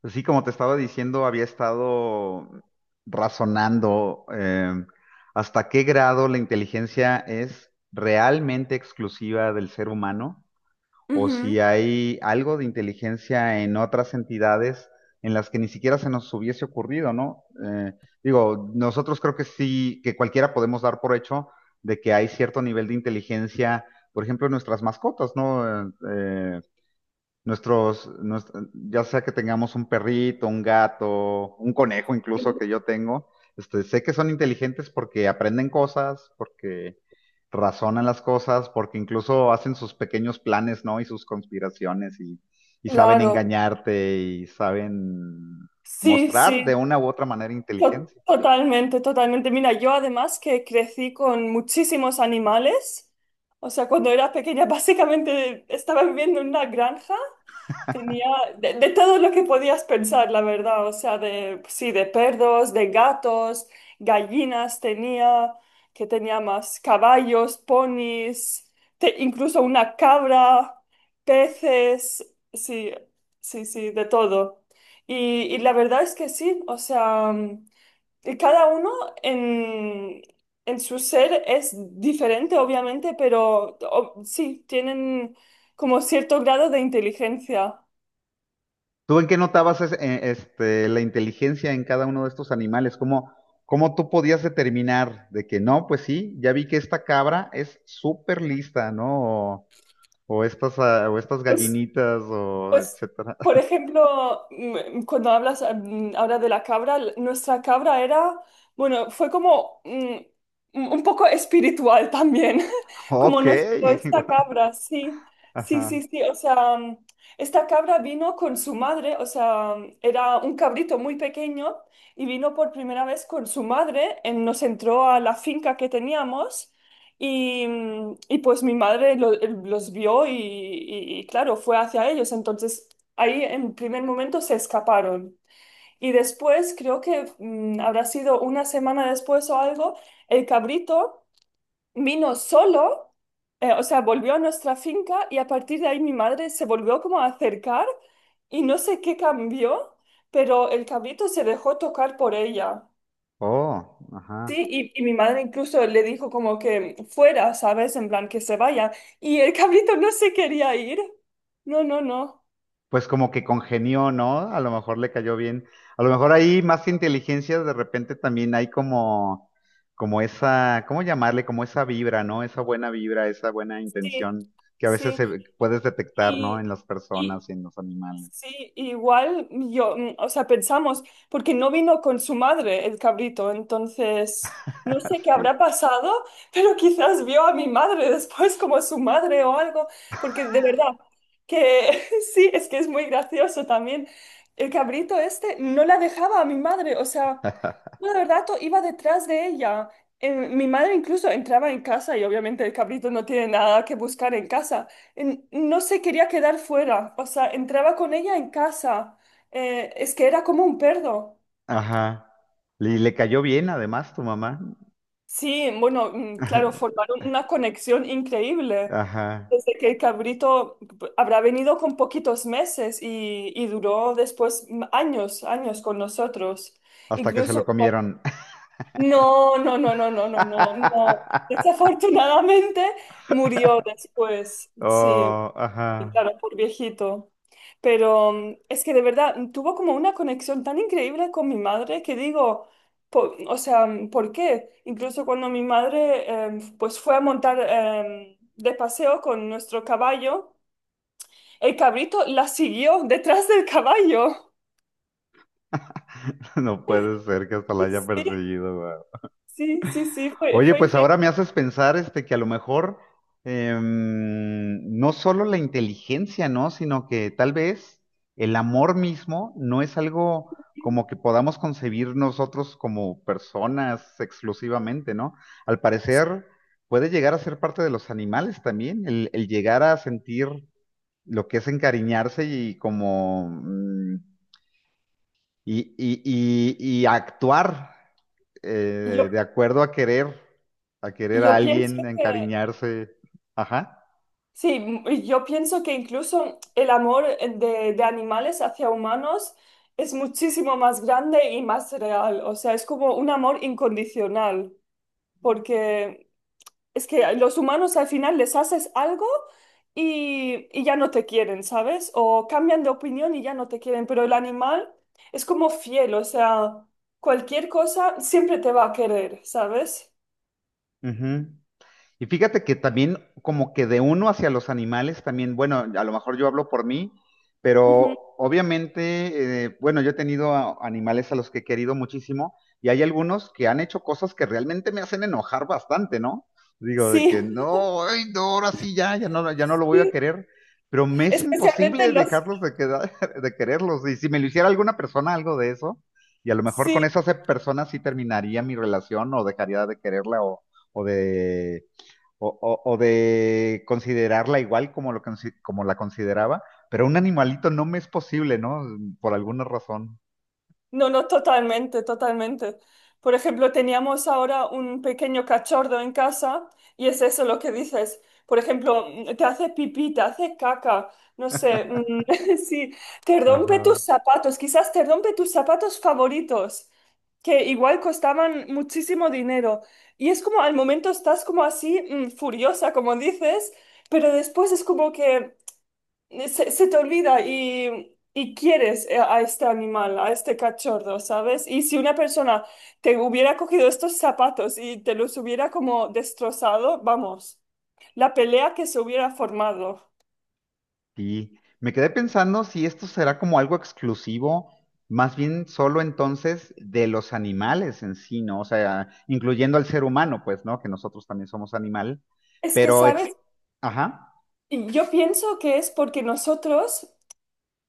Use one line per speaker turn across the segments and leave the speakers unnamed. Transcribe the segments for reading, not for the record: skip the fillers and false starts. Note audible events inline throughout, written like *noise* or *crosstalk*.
Pues sí, como te estaba diciendo, había estado razonando hasta qué grado la inteligencia es realmente exclusiva del ser humano, o si
Ujú.
hay algo de inteligencia en otras entidades en las que ni siquiera se nos hubiese ocurrido, ¿no? Digo, nosotros creo que sí, que cualquiera podemos dar por hecho de que hay cierto nivel de inteligencia, por ejemplo, en nuestras mascotas, ¿no? Ya sea que tengamos un perrito, un gato, un conejo incluso que yo tengo, sé que son inteligentes porque aprenden cosas, porque razonan las cosas, porque incluso hacen sus pequeños planes, ¿no? Y sus conspiraciones y saben
Claro,
engañarte y saben
sí,
mostrar de
sí.
una u otra manera inteligencia.
Totalmente, totalmente. Mira, yo además que crecí con muchísimos animales, o sea, cuando era pequeña *laughs* básicamente estaba viviendo en una granja. Tenía de todo lo que podías pensar, la verdad. O sea, de, sí, de perros, de gatos, gallinas tenía, que tenía más caballos, ponis, incluso una cabra, peces, sí, sí, sí, de todo. Y la verdad es que sí, o sea, y cada uno en, en su ser es diferente, obviamente, pero sí, tienen como cierto grado de inteligencia.
¿Tú en qué notabas la inteligencia en cada uno de estos animales? ¿Cómo tú podías determinar de que no, pues sí, ya vi que esta cabra es súper lista, ¿no? O estas, o estas
Pues,
gallinitas, o
pues,
etcétera.
por
*laughs*
ejemplo, cuando hablas ahora de la cabra, nuestra cabra era, bueno, fue como un poco espiritual también, *laughs* como
Ok.
nos dio esta
*laughs*
cabra, sí, sí,
Ajá.
sí, sí, o sea, esta cabra vino con su madre, o sea, era un cabrito muy pequeño y vino por primera vez con su madre, nos entró a la finca que teníamos. Y y pues mi madre los vio y, claro, fue hacia ellos. Entonces ahí en primer momento se escaparon. Y después, creo que habrá sido una semana después o algo, el cabrito vino solo, o sea, volvió a nuestra finca y a partir de ahí mi madre se volvió como a acercar y no sé qué cambió, pero el cabrito se dejó tocar por ella.
Oh, ajá.
Sí, y y mi madre incluso le dijo como que fuera, ¿sabes? En plan que se vaya. Y el cabrito no se quería ir. No, no, no.
Pues como que congenió, ¿no? A lo mejor le cayó bien. A lo mejor ahí más que inteligencia, de repente también hay como esa, ¿cómo llamarle? Como esa vibra, ¿no? Esa buena vibra, esa buena
Sí,
intención que a veces
sí.
puedes detectar, ¿no?
Y,
En las
y,
personas y en los animales.
Sí, igual yo, o sea, pensamos, porque no vino con su madre el cabrito, entonces no sé qué
*laughs* Sí.
habrá pasado, *laughs* pero quizás vio a mi madre después como su madre o algo, porque de verdad que *laughs* sí, es que es muy gracioso también. El cabrito este no la dejaba a mi madre, o sea, todo el rato iba detrás de ella. Mi madre incluso entraba en casa y obviamente el cabrito no tiene nada que buscar en casa no se quería quedar fuera, o sea, entraba con ella en casa, es que era como un perro.
Ajá. Y le cayó bien además tu mamá.
Sí, bueno, claro,
*laughs*
formaron una conexión increíble.
Ajá.
Desde que el cabrito habrá venido con poquitos meses y duró después años, años con nosotros.
Hasta que se lo
Incluso, cu-
comieron.
no, no, no, no, no, no, no, no.
*laughs*
Desafortunadamente murió después, sí.
Oh,
Y
ajá.
claro, por viejito. Pero es que de verdad tuvo como una conexión tan increíble con mi madre que digo, o sea, ¿por qué? Incluso cuando mi madre pues fue a montar de paseo con nuestro caballo, el cabrito la siguió detrás del caballo.
*laughs* No puede ser que hasta la haya
*laughs*
perseguido.
Sí, sí, sí, sí, fue,
Oye,
fue
pues ahora
increíble.
me haces pensar que a lo mejor no solo la inteligencia, ¿no? Sino que tal vez el amor mismo no es algo como que podamos concebir nosotros como personas exclusivamente, ¿no? Al parecer puede llegar a ser parte de los animales también, el llegar a sentir lo que es encariñarse y y, y- y actuar
Yo,
de acuerdo a a querer a
yo pienso
alguien, a
que
encariñarse. Ajá.
sí. Y yo pienso que incluso el amor de animales hacia humanos es muchísimo más grande y más real. O sea, es como un amor incondicional, porque es que a los humanos al final les haces algo y ya no te quieren, ¿sabes? O cambian de opinión y ya no te quieren, pero el animal es como fiel, o sea, cualquier cosa siempre te va a querer, ¿sabes?
Ujú. Y fíjate que también como que de uno hacia los animales también, bueno, a lo mejor yo hablo por mí, pero
Ujú.
obviamente, bueno, yo he tenido animales a los que he querido muchísimo y hay algunos que han hecho cosas que realmente me hacen enojar bastante, ¿no? Digo, de
Sí,
que no, ay, no, ahora sí ya, ya no, ya no lo
*laughs*
voy a
sí,
querer, pero me es
especialmente
imposible
los...
dejarlos de quedar, *laughs* de quererlos. Y si me lo hiciera alguna persona algo de eso, y a lo mejor con
Sí.
persona sí terminaría mi relación o dejaría de quererla, o de o de considerarla igual como la consideraba, pero un animalito no me es posible, ¿no? Por alguna razón.
No, no, totalmente, totalmente. Por ejemplo, teníamos ahora un pequeño cachorro en casa y es eso lo que dices. Por ejemplo, te hace pipí, te hace caca, no sé, *laughs* sí, te rompe
Ajá.
tus zapatos, quizás te rompe tus zapatos favoritos, que igual costaban muchísimo dinero. Y es como al momento estás como así, furiosa, como dices, pero después es como que se te olvida y quieres a este animal, a este cachorro, ¿sabes? Y si una persona te hubiera cogido estos zapatos y te los hubiera como destrozado, vamos, la pelea que se hubiera formado.
Y me quedé pensando si esto será como algo exclusivo, más bien solo entonces de los animales en sí, ¿no? O sea, incluyendo al ser humano, pues, ¿no? Que nosotros también somos animal,
Es que,
pero ex...
¿sabes?
Ajá.
Yo pienso que es porque nosotros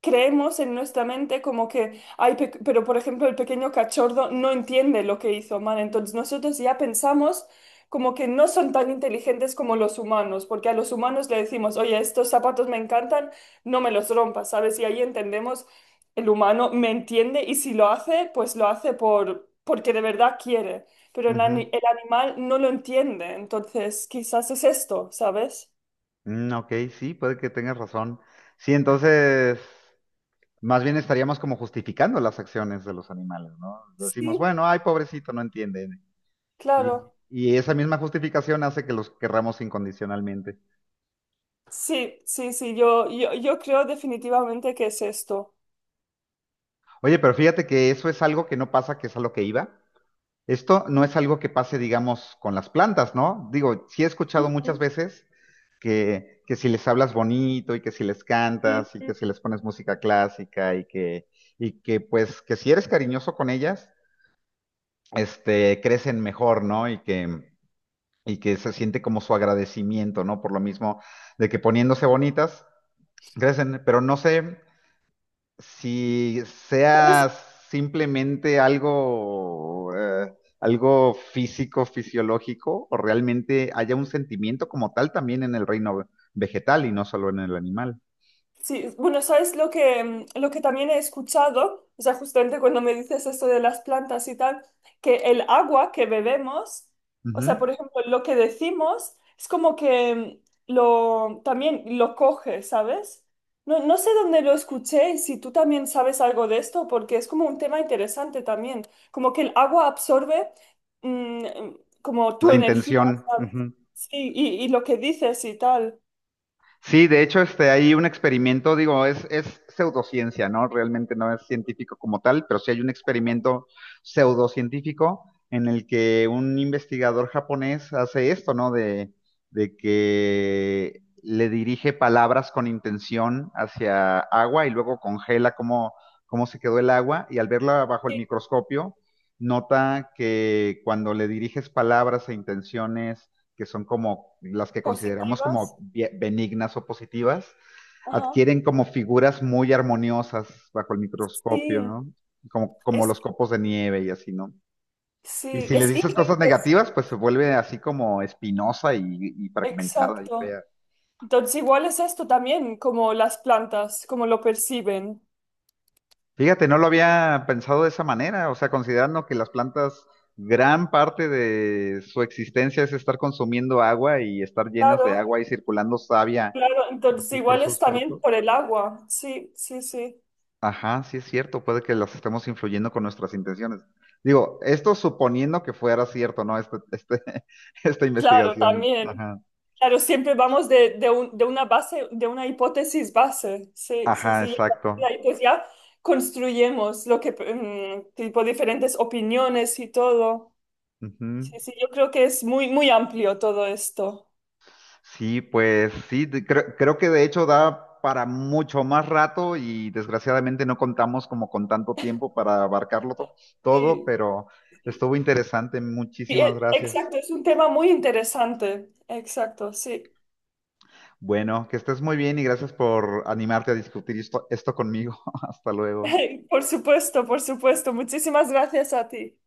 creemos en nuestra mente como que, ay, pero por ejemplo el pequeño cachorro no entiende lo que hizo mal, entonces nosotros ya pensamos como que no son tan inteligentes como los humanos, porque a los humanos le decimos, oye, estos zapatos me encantan, no me los rompas, ¿sabes? Y ahí entendemos, el humano me entiende y si lo hace, pues lo hace porque de verdad quiere, pero
Ujú.
el animal no lo entiende, entonces quizás es esto, ¿sabes?
Mm, ok, sí, puede que tengas razón. Sí, entonces... Más bien estaríamos como justificando las acciones de los animales, ¿no? Decimos,
Sí.
bueno, ay, pobrecito, no entiende.
Claro.
Y esa misma justificación hace que los querramos incondicionalmente.
Sí, sí, sí, yo creo definitivamente que es esto.
Oye, pero fíjate que eso es algo que no pasa, que es a lo que iba. Esto no es algo que pase, digamos, con las plantas, ¿no? Digo, sí he escuchado
Ujú,
muchas veces que si les hablas bonito y que si les cantas y que
ujú.
si les pones música clásica y que pues que si eres cariñoso con ellas, crecen mejor, ¿no? Y que se siente como su agradecimiento, ¿no? Por lo mismo de que poniéndose bonitas, crecen, pero no sé si
¿Sabes?
sea simplemente algo físico, fisiológico, o realmente haya un sentimiento como tal también en el reino vegetal y no solo en el animal.
Sí, bueno, ¿sabes lo que, lo que también he escuchado? O sea, justamente cuando me dices esto de las plantas y tal, que el agua que bebemos, o
Ujú.
sea, por ejemplo, lo que decimos es como que también lo coge, ¿sabes? No, no sé dónde lo escuché y si tú también sabes algo de esto, porque es como un tema interesante también, como que el agua absorbe mm, como tu
La
energía,
intención.
¿sabes?
Ujú.
Y lo que dices y tal.
Sí, de hecho, hay un experimento, digo, es pseudociencia, ¿no? Realmente no es científico como tal, pero sí hay un experimento pseudocientífico en el que un investigador japonés hace esto, ¿no? De que le dirige palabras con intención hacia agua y luego congela cómo se quedó el agua y al verla bajo el
Sí,
microscopio, nota que cuando le diriges palabras e intenciones que son como las que consideramos
positivas.
como benignas o positivas,
Ajá.
adquieren como figuras muy armoniosas bajo el
Sí,
microscopio, ¿no? Como
es,
los copos de nieve y así, ¿no? Y
sí,
si le
es
dices cosas
ingente, sí,
negativas, pues se vuelve así como espinosa y fragmentada y
exacto.
fea.
Entonces igual es esto también, como las plantas, como lo perciben.
Fíjate, no lo había pensado de esa manera, o sea, considerando que las plantas gran parte de su existencia es estar consumiendo agua y estar llenas de
Claro,
agua y circulando savia
claro, entonces
así por
igual es
sus
también
cuerpos.
por el agua, sí, sí, sí.
Ajá, sí es cierto, puede que las estemos influyendo con nuestras intenciones. Digo, esto suponiendo que fuera cierto, ¿no? *laughs* Esta
Claro,
investigación.
también.
Ajá,
Claro, siempre vamos de de una base, de una hipótesis base, sí, sí,
ajá,
sí. Y
exacto.
ahí pues ya construyemos lo que, tipo, diferentes opiniones y todo.
Ujú.
Sí, sí, yo creo que es muy, muy amplio todo esto.
Sí, pues sí, creo que de hecho da para mucho más rato y desgraciadamente no contamos como con tanto tiempo para abarcarlo todo,
Sí.
pero estuvo interesante.
Sí,
Muchísimas gracias.
exacto, es un tema muy interesante. Exacto, sí.
Bueno, que estés muy bien y gracias por animarte a discutir esto conmigo. *laughs* Hasta luego.
*laughs* Por supuesto, por supuesto. Muchísimas gracias a ti.